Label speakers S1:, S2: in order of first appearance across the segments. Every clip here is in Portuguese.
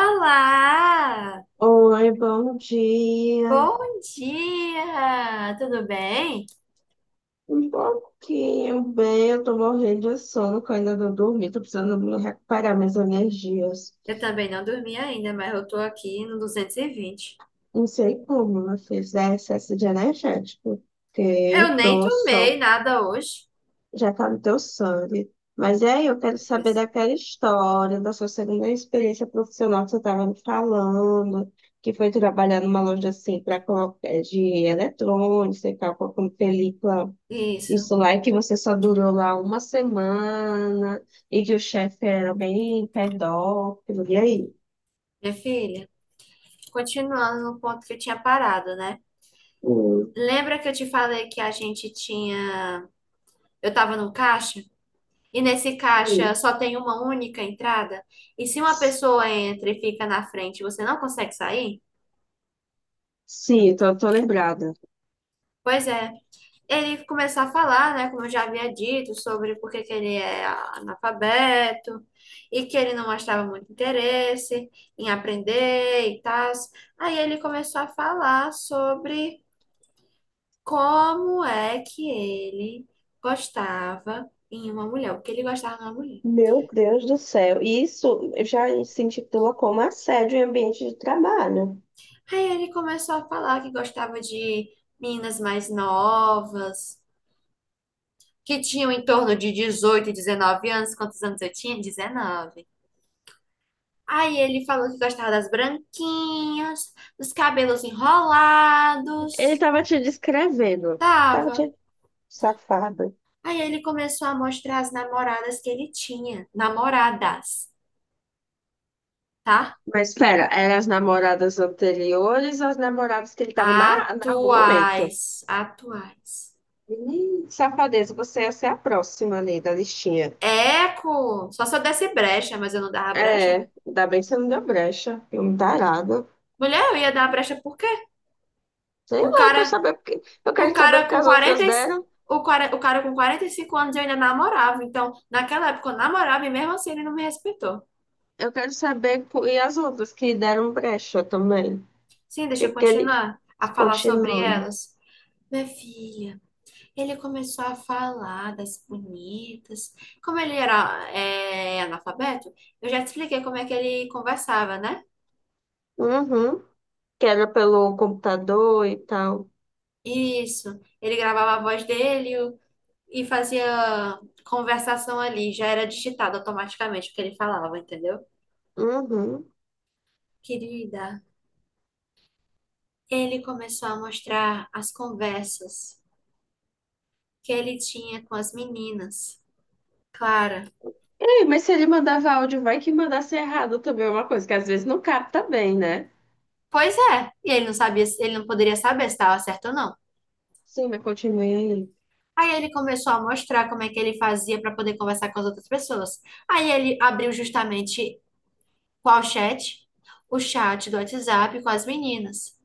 S1: Olá!
S2: Oi, bom dia.
S1: Bom dia! Tudo bem?
S2: Um pouquinho bem, eu tô morrendo de sono, que eu ainda não dormi, tô precisando me recuperar minhas energias.
S1: Eu também não dormi ainda, mas eu tô aqui no 220.
S2: Não sei como eu fiz é excesso de energético, porque eu
S1: Eu nem
S2: tô só,
S1: tomei nada hoje.
S2: já tá no teu sangue. Mas e aí, eu quero saber daquela história, da sua segunda experiência profissional que você estava me falando, que foi trabalhar numa loja assim, para colocar de eletrônicos e tal, com película.
S1: Isso.
S2: Isso lá é que você só durou lá uma semana e que o chefe era bem pedófilo. E aí?
S1: Minha filha, continuando no ponto que eu tinha parado, né?
S2: Hum.
S1: Lembra que eu te falei que a gente tinha. Eu tava no caixa? E nesse caixa
S2: Sim.
S1: só tem uma única entrada? E se uma pessoa entra e fica na frente, você não consegue sair?
S2: Tô lembrada.
S1: Pois é. Ele começar a falar, né, como eu já havia dito, sobre por que que ele é analfabeto e que ele não mostrava muito interesse em aprender e tal. Aí ele começou a falar sobre como é que ele gostava em uma mulher, o que ele gostava numa mulher.
S2: Meu Deus do céu. E isso já se intitula como assédio em ambiente de trabalho.
S1: Aí ele começou a falar que gostava de meninas mais novas, que tinham em torno de 18, 19 anos. Quantos anos eu tinha? 19. Aí ele falou que gostava das branquinhas, dos cabelos
S2: Ele
S1: enrolados.
S2: tava te descrevendo. Tava
S1: Tava.
S2: de safada.
S1: Aí ele começou a mostrar as namoradas que ele tinha. Namoradas, tá?
S2: Mas espera, eram as namoradas anteriores ou as namoradas que ele tava no momento?
S1: Atuais. Atuais.
S2: Ih, safadeza, você ia ser a próxima ali da listinha.
S1: Eco! Só se eu desse brecha, mas eu não dava brecha.
S2: É, ainda bem que você não deu brecha. Eu me tarada.
S1: Mulher, eu ia dar brecha por quê?
S2: Sei
S1: O
S2: lá, eu quero
S1: cara,
S2: saber porque. Eu
S1: o
S2: quero saber
S1: cara
S2: porque
S1: com
S2: as
S1: 40,
S2: outras
S1: e-
S2: deram.
S1: o cara com 45 anos eu ainda namorava. Então, naquela época eu namorava e mesmo assim ele não me respeitou.
S2: Eu quero saber por... e as outras que deram brecha também.
S1: Sim, deixa eu
S2: Que ele
S1: continuar a falar sobre
S2: continue.
S1: elas. Minha filha, ele começou a falar das bonitas. Como ele era analfabeto, eu já te expliquei como é que ele conversava, né?
S2: Uhum. Que era pelo computador e tal.
S1: Isso. Ele gravava a voz dele o- E fazia conversação ali. Já era digitado automaticamente o que ele falava, entendeu?
S2: Uhum.
S1: Querida, ele começou a mostrar as conversas que ele tinha com as meninas. Clara.
S2: Ei, mas se ele mandava áudio, vai que mandasse errado também, é uma coisa que às vezes não capta bem, né?
S1: Pois é, e ele não sabia, ele não poderia saber se estava certo ou não.
S2: Sim, mas continue aí.
S1: Aí ele começou a mostrar como é que ele fazia para poder conversar com as outras pessoas. Aí ele abriu justamente qual chat? O chat do WhatsApp com as meninas.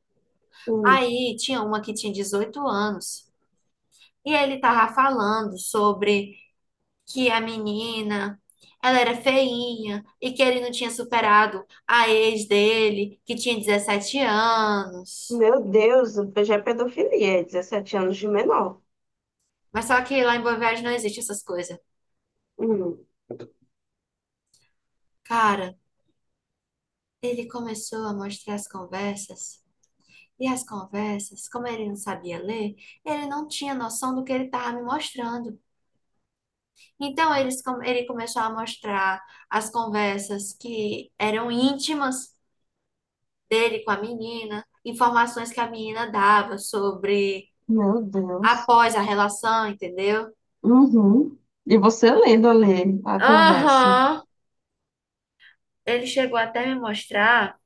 S2: Hum.
S1: Aí tinha uma que tinha 18 anos e ele tava falando sobre que a menina ela era feinha e que ele não tinha superado a ex dele, que tinha 17 anos.
S2: Meu Deus, já é pedofilia, é 17 anos de menor.
S1: Mas só que lá em Boa Viagem não existe essas coisas.
S2: Hum.
S1: Cara, ele começou a mostrar as conversas, e as conversas, como ele não sabia ler, ele não tinha noção do que ele estava me mostrando. Ele começou a mostrar as conversas que eram íntimas dele com a menina, informações que a menina dava sobre
S2: Meu Deus.
S1: após a relação, entendeu?
S2: Uhum. E você lendo ali a conversa.
S1: Aham. Ele chegou até me mostrar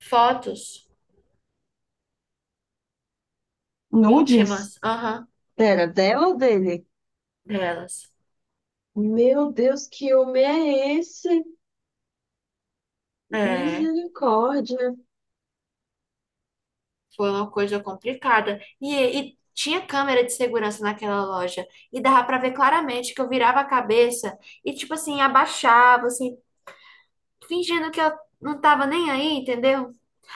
S1: fotos
S2: Nudes?
S1: íntimas, aham,
S2: Pera, dela ou dele?
S1: delas.
S2: Meu Deus, que homem é esse?
S1: É,
S2: Misericórdia.
S1: foi uma coisa complicada. E tinha câmera de segurança naquela loja. E dava pra ver claramente que eu virava a cabeça e, tipo assim, abaixava, assim, fingindo que eu não tava nem aí, entendeu?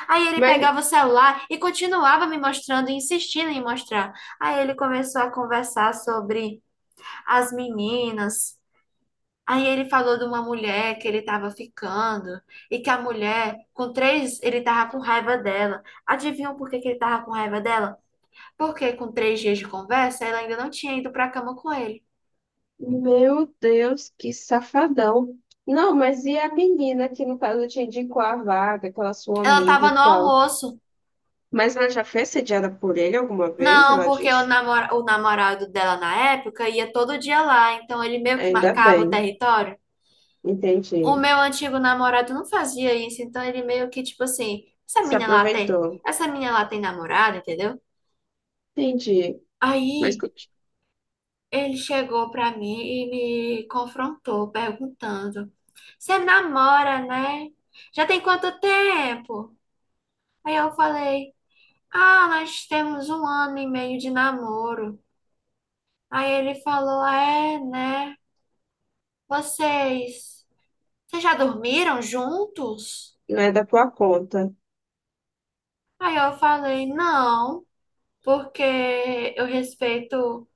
S1: Aí ele
S2: Mas,
S1: pegava o celular e continuava me mostrando, insistindo em mostrar. Aí ele começou a conversar sobre as meninas. Aí ele falou de uma mulher que ele tava ficando e que a mulher, ele tava com raiva dela. Adivinham por que que ele tava com raiva dela? Porque com três dias de conversa, ela ainda não tinha ido pra cama com ele.
S2: meu Deus, que safadão. Não, mas e a menina que, no caso, te indicou a vaga, aquela sua
S1: Ela
S2: amiga
S1: tava
S2: e
S1: no
S2: tal?
S1: almoço.
S2: Mas ela já foi sediada por ele alguma vez?
S1: Não,
S2: Ela
S1: porque
S2: disse?
S1: o namorado dela na época ia todo dia lá, então ele meio que
S2: Ainda
S1: marcava o
S2: bem.
S1: território. O
S2: Entendi.
S1: meu antigo namorado não fazia isso, então ele meio que, tipo assim,
S2: Se aproveitou.
S1: essa menina lá tem namorada, entendeu?
S2: Entendi. Mas
S1: Aí
S2: conti-
S1: ele chegou pra mim e me confrontou, perguntando: você namora, né? Já tem quanto tempo? Aí eu falei. Ah, nós temos um ano e meio de namoro. Aí ele falou, é, né? Vocês, vocês já dormiram juntos?
S2: não é da tua conta.
S1: Aí eu falei, não, porque eu respeito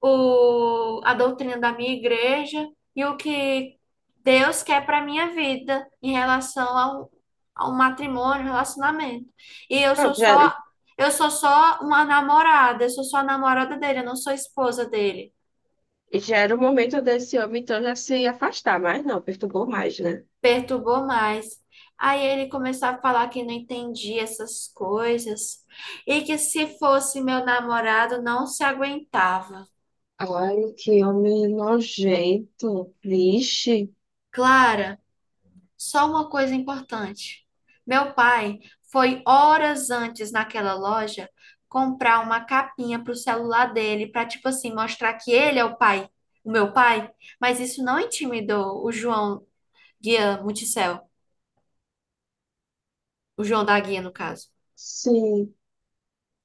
S1: a doutrina da minha igreja e o que Deus quer para minha vida em relação ao matrimônio, um relacionamento. E
S2: Pronto, já,
S1: eu sou só uma namorada, eu sou só a namorada dele, eu não sou esposa dele.
S2: e já era o momento desse homem, então, já se afastar, mas não, perturbou mais, né?
S1: Perturbou mais. Aí ele começou a falar que não entendia essas coisas e que se fosse meu namorado não se aguentava.
S2: Ai, que homem nojento. Vixe.
S1: Clara, só uma coisa importante. Meu pai foi horas antes naquela loja comprar uma capinha para o celular dele, para tipo assim mostrar que ele é o pai, o meu pai, mas isso não intimidou o João Guia Multicel, o João da Guia no caso.
S2: Sim.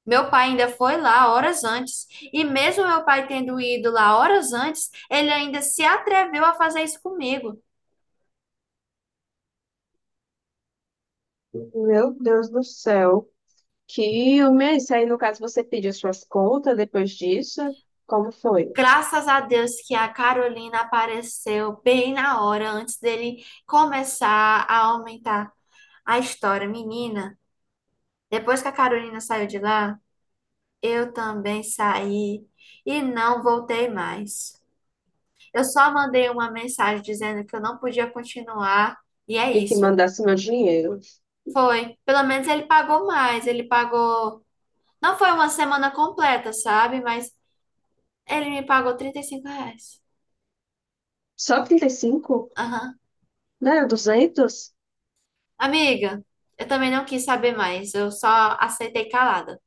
S1: Meu pai ainda foi lá horas antes, e mesmo meu pai tendo ido lá horas antes, ele ainda se atreveu a fazer isso comigo.
S2: Meu Deus do céu. Que homem é esse? Aí, no caso, você pediu suas contas depois disso? Como foi?
S1: Graças a Deus que a Carolina apareceu bem na hora antes dele começar a aumentar a história. Menina, depois que a Carolina saiu de lá, eu também saí e não voltei mais. Eu só mandei uma mensagem dizendo que eu não podia continuar, e é
S2: E que
S1: isso.
S2: mandasse meu dinheiro.
S1: Foi. Pelo menos ele pagou mais. Ele pagou Não foi uma semana completa, sabe? Mas ele me pagou 35 reais.
S2: Só 35.
S1: Aham.
S2: Né? 200.
S1: Amiga, eu também não quis saber mais. Eu só aceitei calada.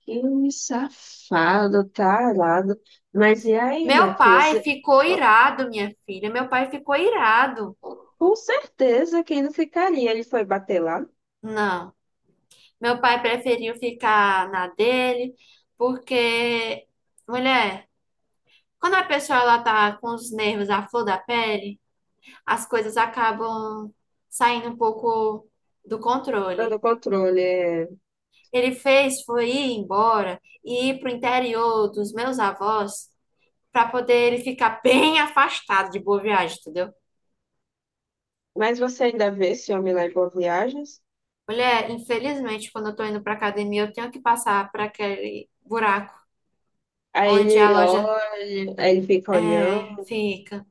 S2: Que homem safado, tarado. Mas e aí, minha
S1: Meu
S2: filha?
S1: pai
S2: Você-
S1: ficou irado, minha filha. Meu pai ficou irado.
S2: com certeza que ele não ficaria. Ele foi bater lá.
S1: Não. Meu pai preferiu ficar na dele, porque, mulher, quando a pessoa ela tá com os nervos à flor da pele, as coisas acabam saindo um pouco do
S2: Fora do
S1: controle.
S2: controle. É.
S1: Ele fez foi ir embora e ir para o interior dos meus avós para poder ele ficar bem afastado de Boa Viagem, entendeu?
S2: Mas você ainda vê esse homem lá em Boas Viagens?
S1: Mulher, infelizmente, quando eu tô indo pra academia, eu tenho que passar por aquele buraco
S2: Aí
S1: onde
S2: ele olha, aí ele fica olhando,
S1: fica.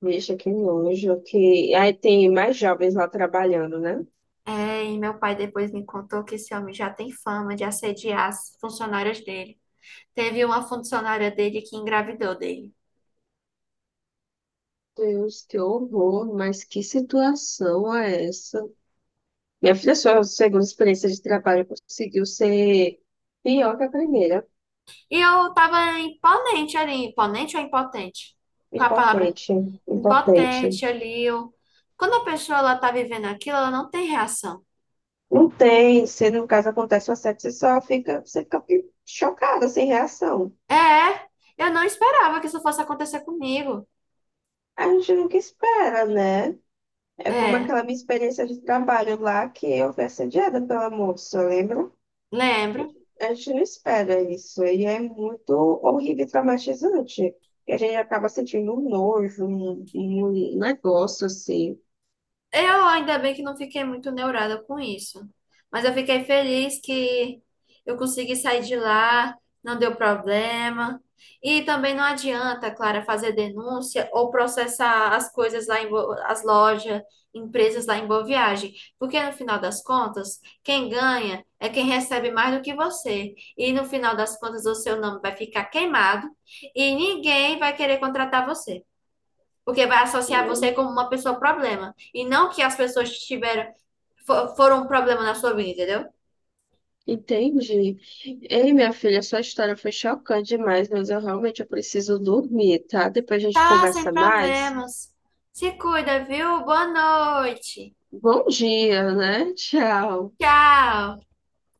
S2: bicho, que nojo, que... Aí tem mais jovens lá trabalhando, né?
S1: É, e meu pai depois me contou que esse homem já tem fama de assediar as funcionárias dele. Teve uma funcionária dele que engravidou dele.
S2: Deus, que horror, mas que situação é essa? Minha filha, sua segunda experiência de trabalho conseguiu ser pior que a primeira.
S1: E eu tava imponente ali, imponente ou impotente? Qual a palavra?
S2: Impotente, impotente.
S1: Impotente ali. Ou... quando a pessoa ela tá vivendo aquilo, ela não tem reação.
S2: Não tem, se no caso acontece um assédio, você só fica, você fica chocada, sem reação.
S1: É, eu não esperava que isso fosse acontecer comigo.
S2: A gente nunca espera, né? É como
S1: É,
S2: aquela minha experiência de trabalho lá que eu fui assediada pela moça, lembra?
S1: lembro.
S2: A gente não espera isso, e é muito horrível e traumatizante. E a gente acaba sentindo um nojo, um negócio assim,
S1: Eu ainda bem que não fiquei muito neurada com isso. Mas eu fiquei feliz que eu consegui sair de lá, não deu problema. E também não adianta, Clara, fazer denúncia ou processar as coisas as lojas, empresas lá em Boa Viagem, porque no final das contas, quem ganha é quem recebe mais do que você. E no final das contas, o seu nome vai ficar queimado e ninguém vai querer contratar você. Porque vai associar
S2: né?
S1: você como uma pessoa problema. E não que as pessoas tiveram, foram um problema na sua vida, entendeu?
S2: Entendi. Ei, minha filha, sua história foi chocante demais, mas eu realmente eu preciso dormir, tá? Depois a gente
S1: Tá, sem
S2: conversa mais.
S1: problemas. Se cuida, viu? Boa noite.
S2: Bom dia, né? Tchau.
S1: Tchau.